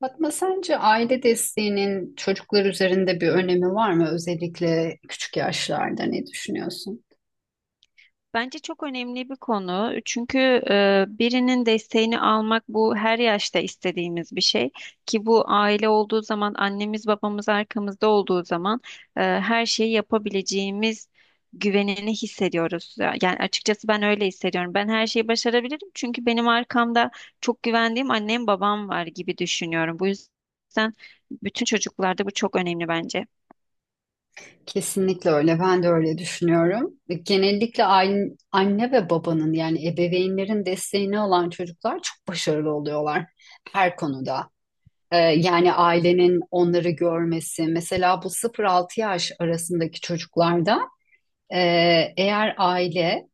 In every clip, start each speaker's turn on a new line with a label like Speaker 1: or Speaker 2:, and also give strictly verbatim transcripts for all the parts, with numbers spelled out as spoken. Speaker 1: Fatma, sence aile desteğinin çocuklar üzerinde bir önemi var mı? Özellikle küçük yaşlarda ne düşünüyorsun?
Speaker 2: Bence çok önemli bir konu. Çünkü e, birinin desteğini almak bu her yaşta istediğimiz bir şey. Ki bu aile olduğu zaman, annemiz babamız arkamızda olduğu zaman e, her şeyi yapabileceğimiz güvenini hissediyoruz. Yani açıkçası ben öyle hissediyorum. Ben her şeyi başarabilirim çünkü benim arkamda çok güvendiğim annem babam var gibi düşünüyorum. Bu yüzden bütün çocuklarda bu çok önemli bence.
Speaker 1: Kesinlikle öyle. Ben de öyle düşünüyorum. Genellikle aile, anne ve babanın yani ebeveynlerin desteğine olan çocuklar çok başarılı oluyorlar her konuda. Ee, yani ailenin onları görmesi. Mesela bu sıfır altı yaş arasındaki çocuklarda e, eğer aile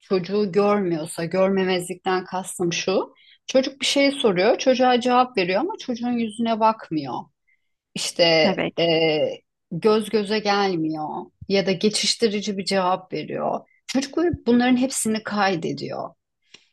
Speaker 1: çocuğu görmüyorsa, görmemezlikten kastım şu. Çocuk bir şey soruyor, çocuğa cevap veriyor ama çocuğun yüzüne bakmıyor. İşte
Speaker 2: Evet.
Speaker 1: eee, göz göze gelmiyor ya da geçiştirici bir cevap veriyor. Çocuk bunların hepsini kaydediyor.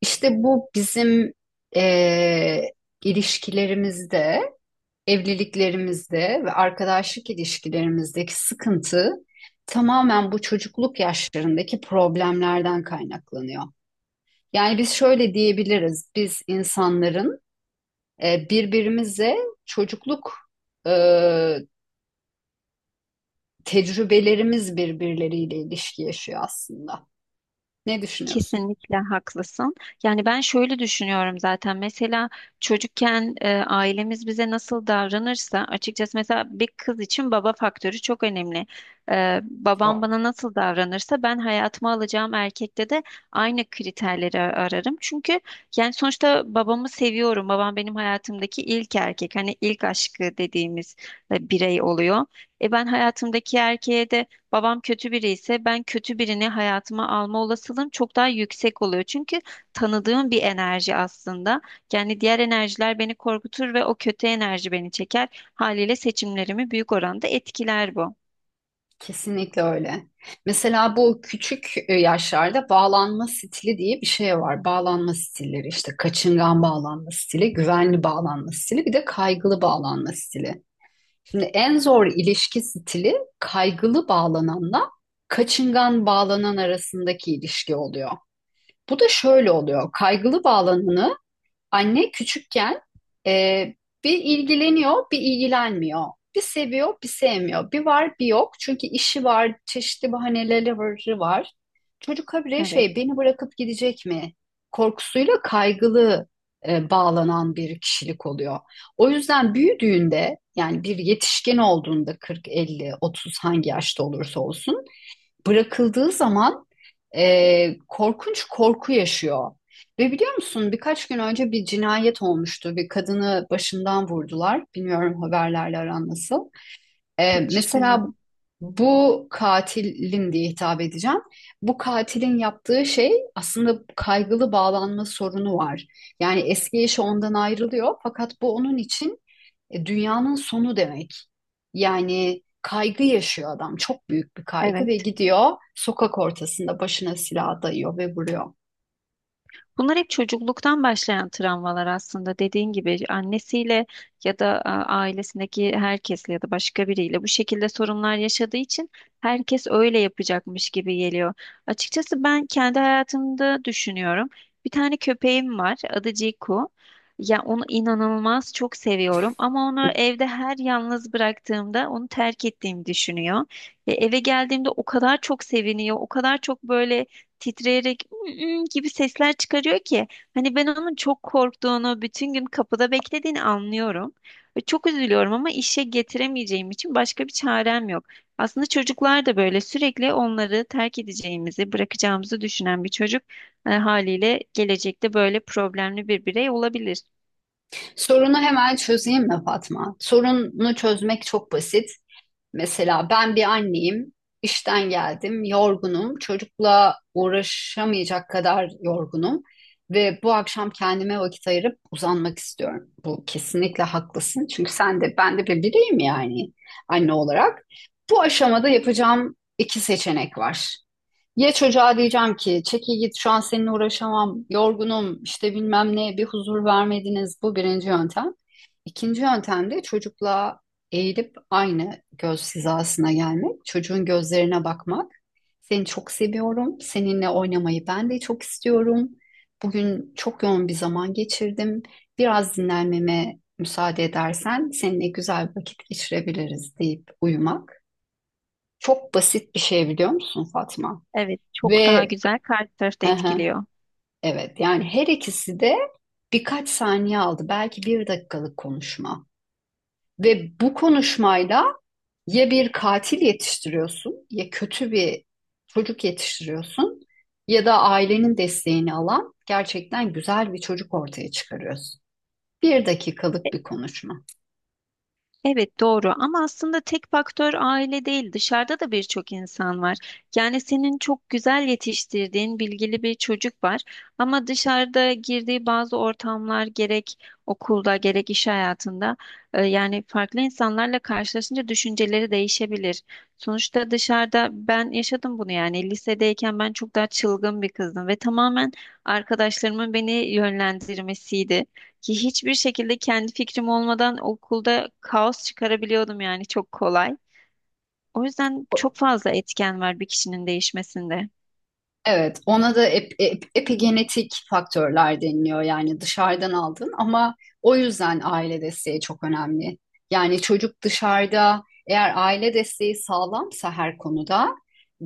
Speaker 1: İşte bu bizim eee, ilişkilerimizde, evliliklerimizde ve arkadaşlık ilişkilerimizdeki sıkıntı tamamen bu çocukluk yaşlarındaki problemlerden kaynaklanıyor. Yani biz şöyle diyebiliriz. Biz insanların e, birbirimize çocukluk e, tecrübelerimiz birbirleriyle ilişki yaşıyor aslında. Ne düşünüyorsun?
Speaker 2: Kesinlikle haklısın. Yani ben şöyle düşünüyorum zaten. Mesela çocukken e, ailemiz bize nasıl davranırsa açıkçası mesela bir kız için baba faktörü çok önemli. E, babam bana nasıl davranırsa ben hayatıma alacağım erkekte de aynı kriterleri ararım. Çünkü yani sonuçta babamı seviyorum. Babam benim hayatımdaki ilk erkek. Hani ilk aşkı dediğimiz e, birey oluyor. E ben hayatımdaki erkeğe de babam kötü biri ise ben kötü birini hayatıma alma olasılığım çok daha yüksek oluyor. Çünkü tanıdığım bir enerji aslında. Yani diğer enerjiler beni korkutur ve o kötü enerji beni çeker. Haliyle seçimlerimi büyük oranda etkiler bu.
Speaker 1: Kesinlikle öyle. Mesela bu küçük e, yaşlarda bağlanma stili diye bir şey var. Bağlanma stilleri işte kaçıngan bağlanma stili, güvenli bağlanma stili, bir de kaygılı bağlanma stili. Şimdi en zor ilişki stili kaygılı bağlananla kaçıngan bağlanan arasındaki ilişki oluyor. Bu da şöyle oluyor. Kaygılı bağlananı anne küçükken e, bir ilgileniyor, bir ilgilenmiyor. Bir seviyor, bir sevmiyor. Bir var, bir yok. Çünkü işi var, çeşitli bahaneleri var. Çocuk habire
Speaker 2: Evet,
Speaker 1: şey, beni bırakıp gidecek mi? Korkusuyla kaygılı e, bağlanan bir kişilik oluyor. O yüzden büyüdüğünde, yani bir yetişkin olduğunda kırk, elli, otuz hangi yaşta olursa olsun bırakıldığı zaman e, korkunç korku yaşıyor. Ve biliyor musun birkaç gün önce bir cinayet olmuştu. Bir kadını başından vurdular. Bilmiyorum haberlerle aran nasıl. Ee,
Speaker 2: hiç
Speaker 1: mesela
Speaker 2: duymadım.
Speaker 1: bu katilin diye hitap edeceğim. Bu katilin yaptığı şey aslında kaygılı bağlanma sorunu var. Yani eski eşi ondan ayrılıyor fakat bu onun için e, dünyanın sonu demek. Yani kaygı yaşıyor adam. Çok büyük bir kaygı ve
Speaker 2: Evet.
Speaker 1: gidiyor sokak ortasında başına silah dayıyor ve vuruyor.
Speaker 2: Bunlar hep çocukluktan başlayan travmalar aslında. Dediğin gibi annesiyle ya da a, ailesindeki herkesle ya da başka biriyle bu şekilde sorunlar yaşadığı için herkes öyle yapacakmış gibi geliyor. Açıkçası ben kendi hayatımda düşünüyorum. Bir tane köpeğim var. Adı Ciku. Ya onu inanılmaz çok seviyorum ama onu evde her yalnız bıraktığımda onu terk ettiğimi düşünüyor. E, eve geldiğimde o kadar çok seviniyor, o kadar çok böyle titreyerek "Mm, mm" gibi sesler çıkarıyor ki hani ben onun çok korktuğunu, bütün gün kapıda beklediğini anlıyorum. Ve çok üzülüyorum ama işe getiremeyeceğim için başka bir çarem yok. Aslında çocuklar da böyle sürekli onları terk edeceğimizi, bırakacağımızı düşünen bir çocuk e, haliyle gelecekte böyle problemli bir birey olabilir.
Speaker 1: Sorunu hemen çözeyim mi Fatma? Sorunu çözmek çok basit. Mesela ben bir anneyim, işten geldim, yorgunum, çocukla uğraşamayacak kadar yorgunum ve bu akşam kendime vakit ayırıp uzanmak istiyorum. Bu kesinlikle haklısın çünkü sen de ben de bir bireyim yani anne olarak. Bu aşamada yapacağım iki seçenek var. Ya çocuğa diyeceğim ki çekil git şu an seninle uğraşamam, yorgunum işte bilmem ne bir huzur vermediniz, bu birinci yöntem. İkinci yöntem de çocukla eğilip aynı göz hizasına gelmek, çocuğun gözlerine bakmak. Seni çok seviyorum, seninle oynamayı ben de çok istiyorum. Bugün çok yoğun bir zaman geçirdim. Biraz dinlenmeme müsaade edersen seninle güzel bir vakit geçirebiliriz deyip uyumak. Çok basit bir şey biliyor musun Fatma?
Speaker 2: Evet, çok daha
Speaker 1: Ve
Speaker 2: güzel karşı tarafta
Speaker 1: aha,
Speaker 2: etkiliyor.
Speaker 1: evet yani her ikisi de birkaç saniye aldı, belki bir dakikalık konuşma ve bu konuşmayla ya bir katil yetiştiriyorsun, ya kötü bir çocuk yetiştiriyorsun ya da ailenin desteğini alan gerçekten güzel bir çocuk ortaya çıkarıyorsun. Bir dakikalık bir konuşma.
Speaker 2: Evet doğru, ama aslında tek faktör aile değil, dışarıda da birçok insan var. Yani senin çok güzel yetiştirdiğin bilgili bir çocuk var ama dışarıda girdiği bazı ortamlar, gerek okulda gerek iş hayatında, e, yani farklı insanlarla karşılaşınca düşünceleri değişebilir. Sonuçta dışarıda ben yaşadım bunu, yani lisedeyken ben çok daha çılgın bir kızdım ve tamamen arkadaşlarımın beni yönlendirmesiydi. Ki hiçbir şekilde kendi fikrim olmadan okulda kaos çıkarabiliyordum, yani çok kolay. O yüzden çok fazla etken var bir kişinin değişmesinde.
Speaker 1: Evet, ona da ep- ep- epigenetik faktörler deniliyor, yani dışarıdan aldın ama o yüzden aile desteği çok önemli. Yani çocuk dışarıda eğer aile desteği sağlamsa her konuda,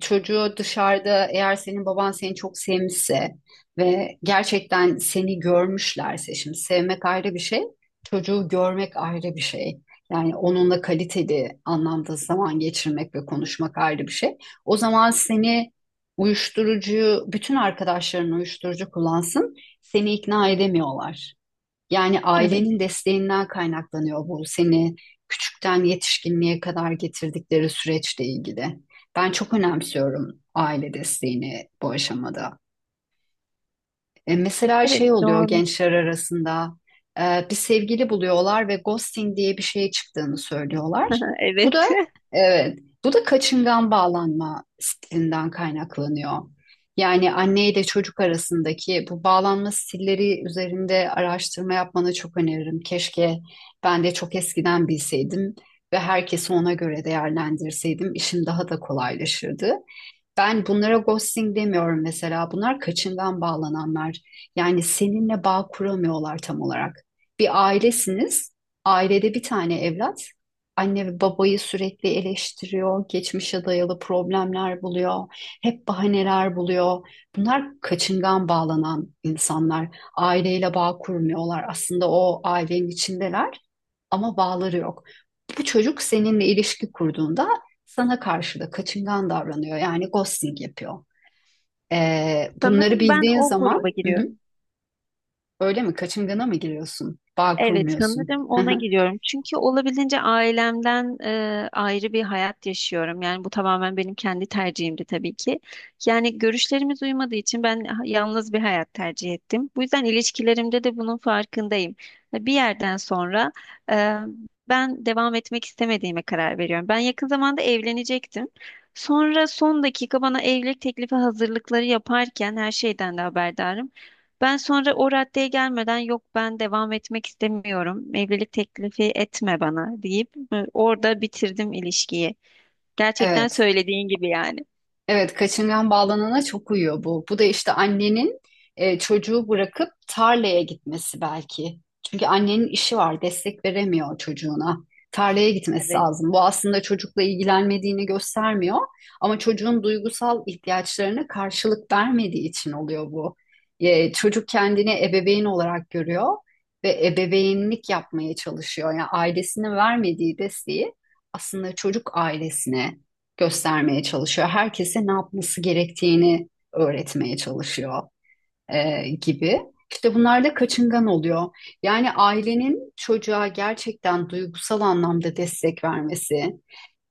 Speaker 1: çocuğu dışarıda eğer senin baban seni çok sevmişse ve gerçekten seni görmüşlerse, şimdi sevmek ayrı bir şey, çocuğu görmek ayrı bir şey. Yani onunla kaliteli anlamda zaman geçirmek ve konuşmak ayrı bir şey. O zaman seni uyuşturucu, bütün arkadaşların uyuşturucu kullansın, seni ikna edemiyorlar. Yani
Speaker 2: Evet.
Speaker 1: ailenin desteğinden kaynaklanıyor bu, seni küçükten yetişkinliğe kadar getirdikleri süreçle ilgili. Ben çok önemsiyorum aile desteğini bu aşamada. E, Mesela
Speaker 2: Evet
Speaker 1: şey oluyor
Speaker 2: doğru.
Speaker 1: gençler arasında e, bir sevgili buluyorlar ve ghosting diye bir şey çıktığını söylüyorlar. Bu da,
Speaker 2: Evet.
Speaker 1: evet, bu da kaçıngan bağlanma stilinden kaynaklanıyor. Yani anne ile çocuk arasındaki bu bağlanma stilleri üzerinde araştırma yapmanı çok öneririm. Keşke ben de çok eskiden bilseydim ve herkesi ona göre değerlendirseydim işim daha da kolaylaşırdı. Ben bunlara ghosting demiyorum mesela. Bunlar kaçıngan bağlananlar. Yani seninle bağ kuramıyorlar tam olarak. Bir ailesiniz. Ailede bir tane evlat. Anne ve babayı sürekli eleştiriyor. Geçmişe dayalı problemler buluyor. Hep bahaneler buluyor. Bunlar kaçıngan bağlanan insanlar. Aileyle bağ kurmuyorlar. Aslında o ailenin içindeler ama bağları yok. Bu çocuk seninle ilişki kurduğunda sana karşı da kaçıngan davranıyor. Yani ghosting yapıyor. Ee, bunları
Speaker 2: Sanırım ben
Speaker 1: bildiğin
Speaker 2: o
Speaker 1: zaman.
Speaker 2: gruba
Speaker 1: Hı hı,
Speaker 2: giriyorum.
Speaker 1: öyle mi? Kaçıngana mı giriyorsun? Bağ
Speaker 2: Evet,
Speaker 1: kurmuyorsun.
Speaker 2: sanırım
Speaker 1: Hı
Speaker 2: ona
Speaker 1: hı.
Speaker 2: gidiyorum. Çünkü olabildiğince ailemden e, ayrı bir hayat yaşıyorum. Yani bu tamamen benim kendi tercihimdi tabii ki. Yani görüşlerimiz uymadığı için ben ha- yalnız bir hayat tercih ettim. Bu yüzden ilişkilerimde de bunun farkındayım. Ve bir yerden sonra e, ben devam etmek istemediğime karar veriyorum. Ben yakın zamanda evlenecektim. Sonra son dakika, bana evlilik teklifi hazırlıkları yaparken her şeyden de haberdarım. Ben sonra o raddeye gelmeden, yok ben devam etmek istemiyorum, evlilik teklifi etme bana deyip e, orada bitirdim ilişkiyi. Gerçekten
Speaker 1: Evet.
Speaker 2: söylediğin gibi yani.
Speaker 1: Evet, kaçıngan bağlanana çok uyuyor bu. Bu da işte annenin e, çocuğu bırakıp tarlaya gitmesi belki. Çünkü annenin işi var, destek veremiyor çocuğuna. Tarlaya gitmesi
Speaker 2: Evet.
Speaker 1: lazım. Bu aslında çocukla ilgilenmediğini göstermiyor ama çocuğun duygusal ihtiyaçlarına karşılık vermediği için oluyor bu. E, çocuk kendini ebeveyn olarak görüyor ve ebeveynlik yapmaya çalışıyor. Yani ailesine vermediği desteği aslında çocuk ailesine göstermeye çalışıyor. Herkese ne yapması gerektiğini öğretmeye çalışıyor e, gibi. İşte bunlar da kaçıngan oluyor. Yani ailenin çocuğa gerçekten duygusal anlamda destek vermesi,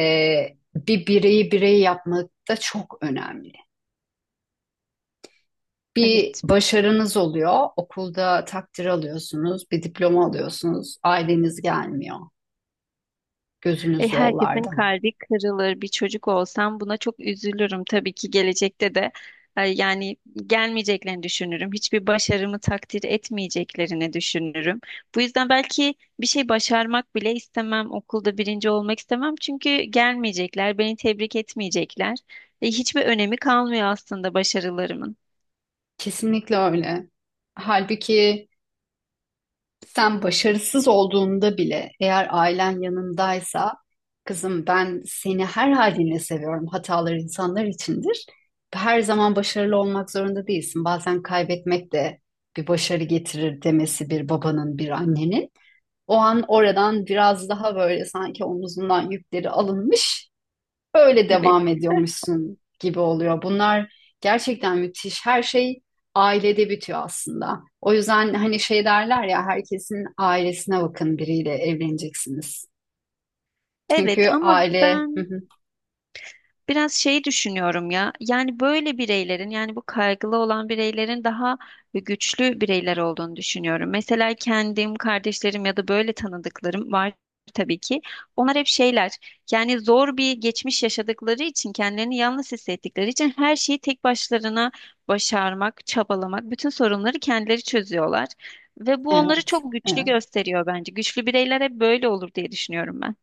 Speaker 1: e, bir bireyi birey yapmak da çok önemli. Bir
Speaker 2: Evet.
Speaker 1: başarınız oluyor, okulda takdir alıyorsunuz, bir diploma alıyorsunuz, aileniz gelmiyor,
Speaker 2: Ve
Speaker 1: gözünüz
Speaker 2: herkesin
Speaker 1: yollarda.
Speaker 2: kalbi kırılır. Bir çocuk olsam buna çok üzülürüm. Tabii ki gelecekte de e, yani gelmeyeceklerini düşünürüm. Hiçbir başarımı takdir etmeyeceklerini düşünürüm. Bu yüzden belki bir şey başarmak bile istemem. Okulda birinci olmak istemem. Çünkü gelmeyecekler, beni tebrik etmeyecekler. E, hiçbir önemi kalmıyor aslında başarılarımın.
Speaker 1: Kesinlikle öyle. Halbuki sen başarısız olduğunda bile eğer ailen yanındaysa, kızım ben seni her halinle seviyorum. Hatalar insanlar içindir. Her zaman başarılı olmak zorunda değilsin. Bazen kaybetmek de bir başarı getirir demesi bir babanın, bir annenin. O an oradan biraz daha böyle sanki omuzundan yükleri alınmış, böyle
Speaker 2: Evet.
Speaker 1: devam ediyormuşsun gibi oluyor. Bunlar gerçekten müthiş. Her şey ailede bitiyor aslında. O yüzden hani şey derler ya, herkesin ailesine bakın biriyle evleneceksiniz. Çünkü
Speaker 2: Evet ama
Speaker 1: aile. Hı
Speaker 2: ben
Speaker 1: hı.
Speaker 2: biraz şeyi düşünüyorum ya. Yani böyle bireylerin, yani bu kaygılı olan bireylerin daha güçlü bireyler olduğunu düşünüyorum. Mesela kendim, kardeşlerim ya da böyle tanıdıklarım var tabii ki. Onlar hep şeyler. Yani zor bir geçmiş yaşadıkları için, kendilerini yalnız hissettikleri için her şeyi tek başlarına başarmak, çabalamak, bütün sorunları kendileri çözüyorlar. Ve bu onları
Speaker 1: Evet
Speaker 2: çok güçlü
Speaker 1: evet,
Speaker 2: gösteriyor bence. Güçlü bireyler hep böyle olur diye düşünüyorum ben.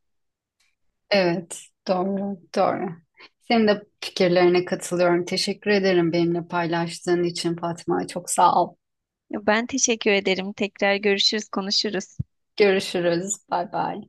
Speaker 1: evet doğru doğru. Senin de fikirlerine katılıyorum. Teşekkür ederim benimle paylaştığın için Fatma. Çok sağ ol.
Speaker 2: Ben teşekkür ederim. Tekrar görüşürüz, konuşuruz.
Speaker 1: Görüşürüz. Bay bay.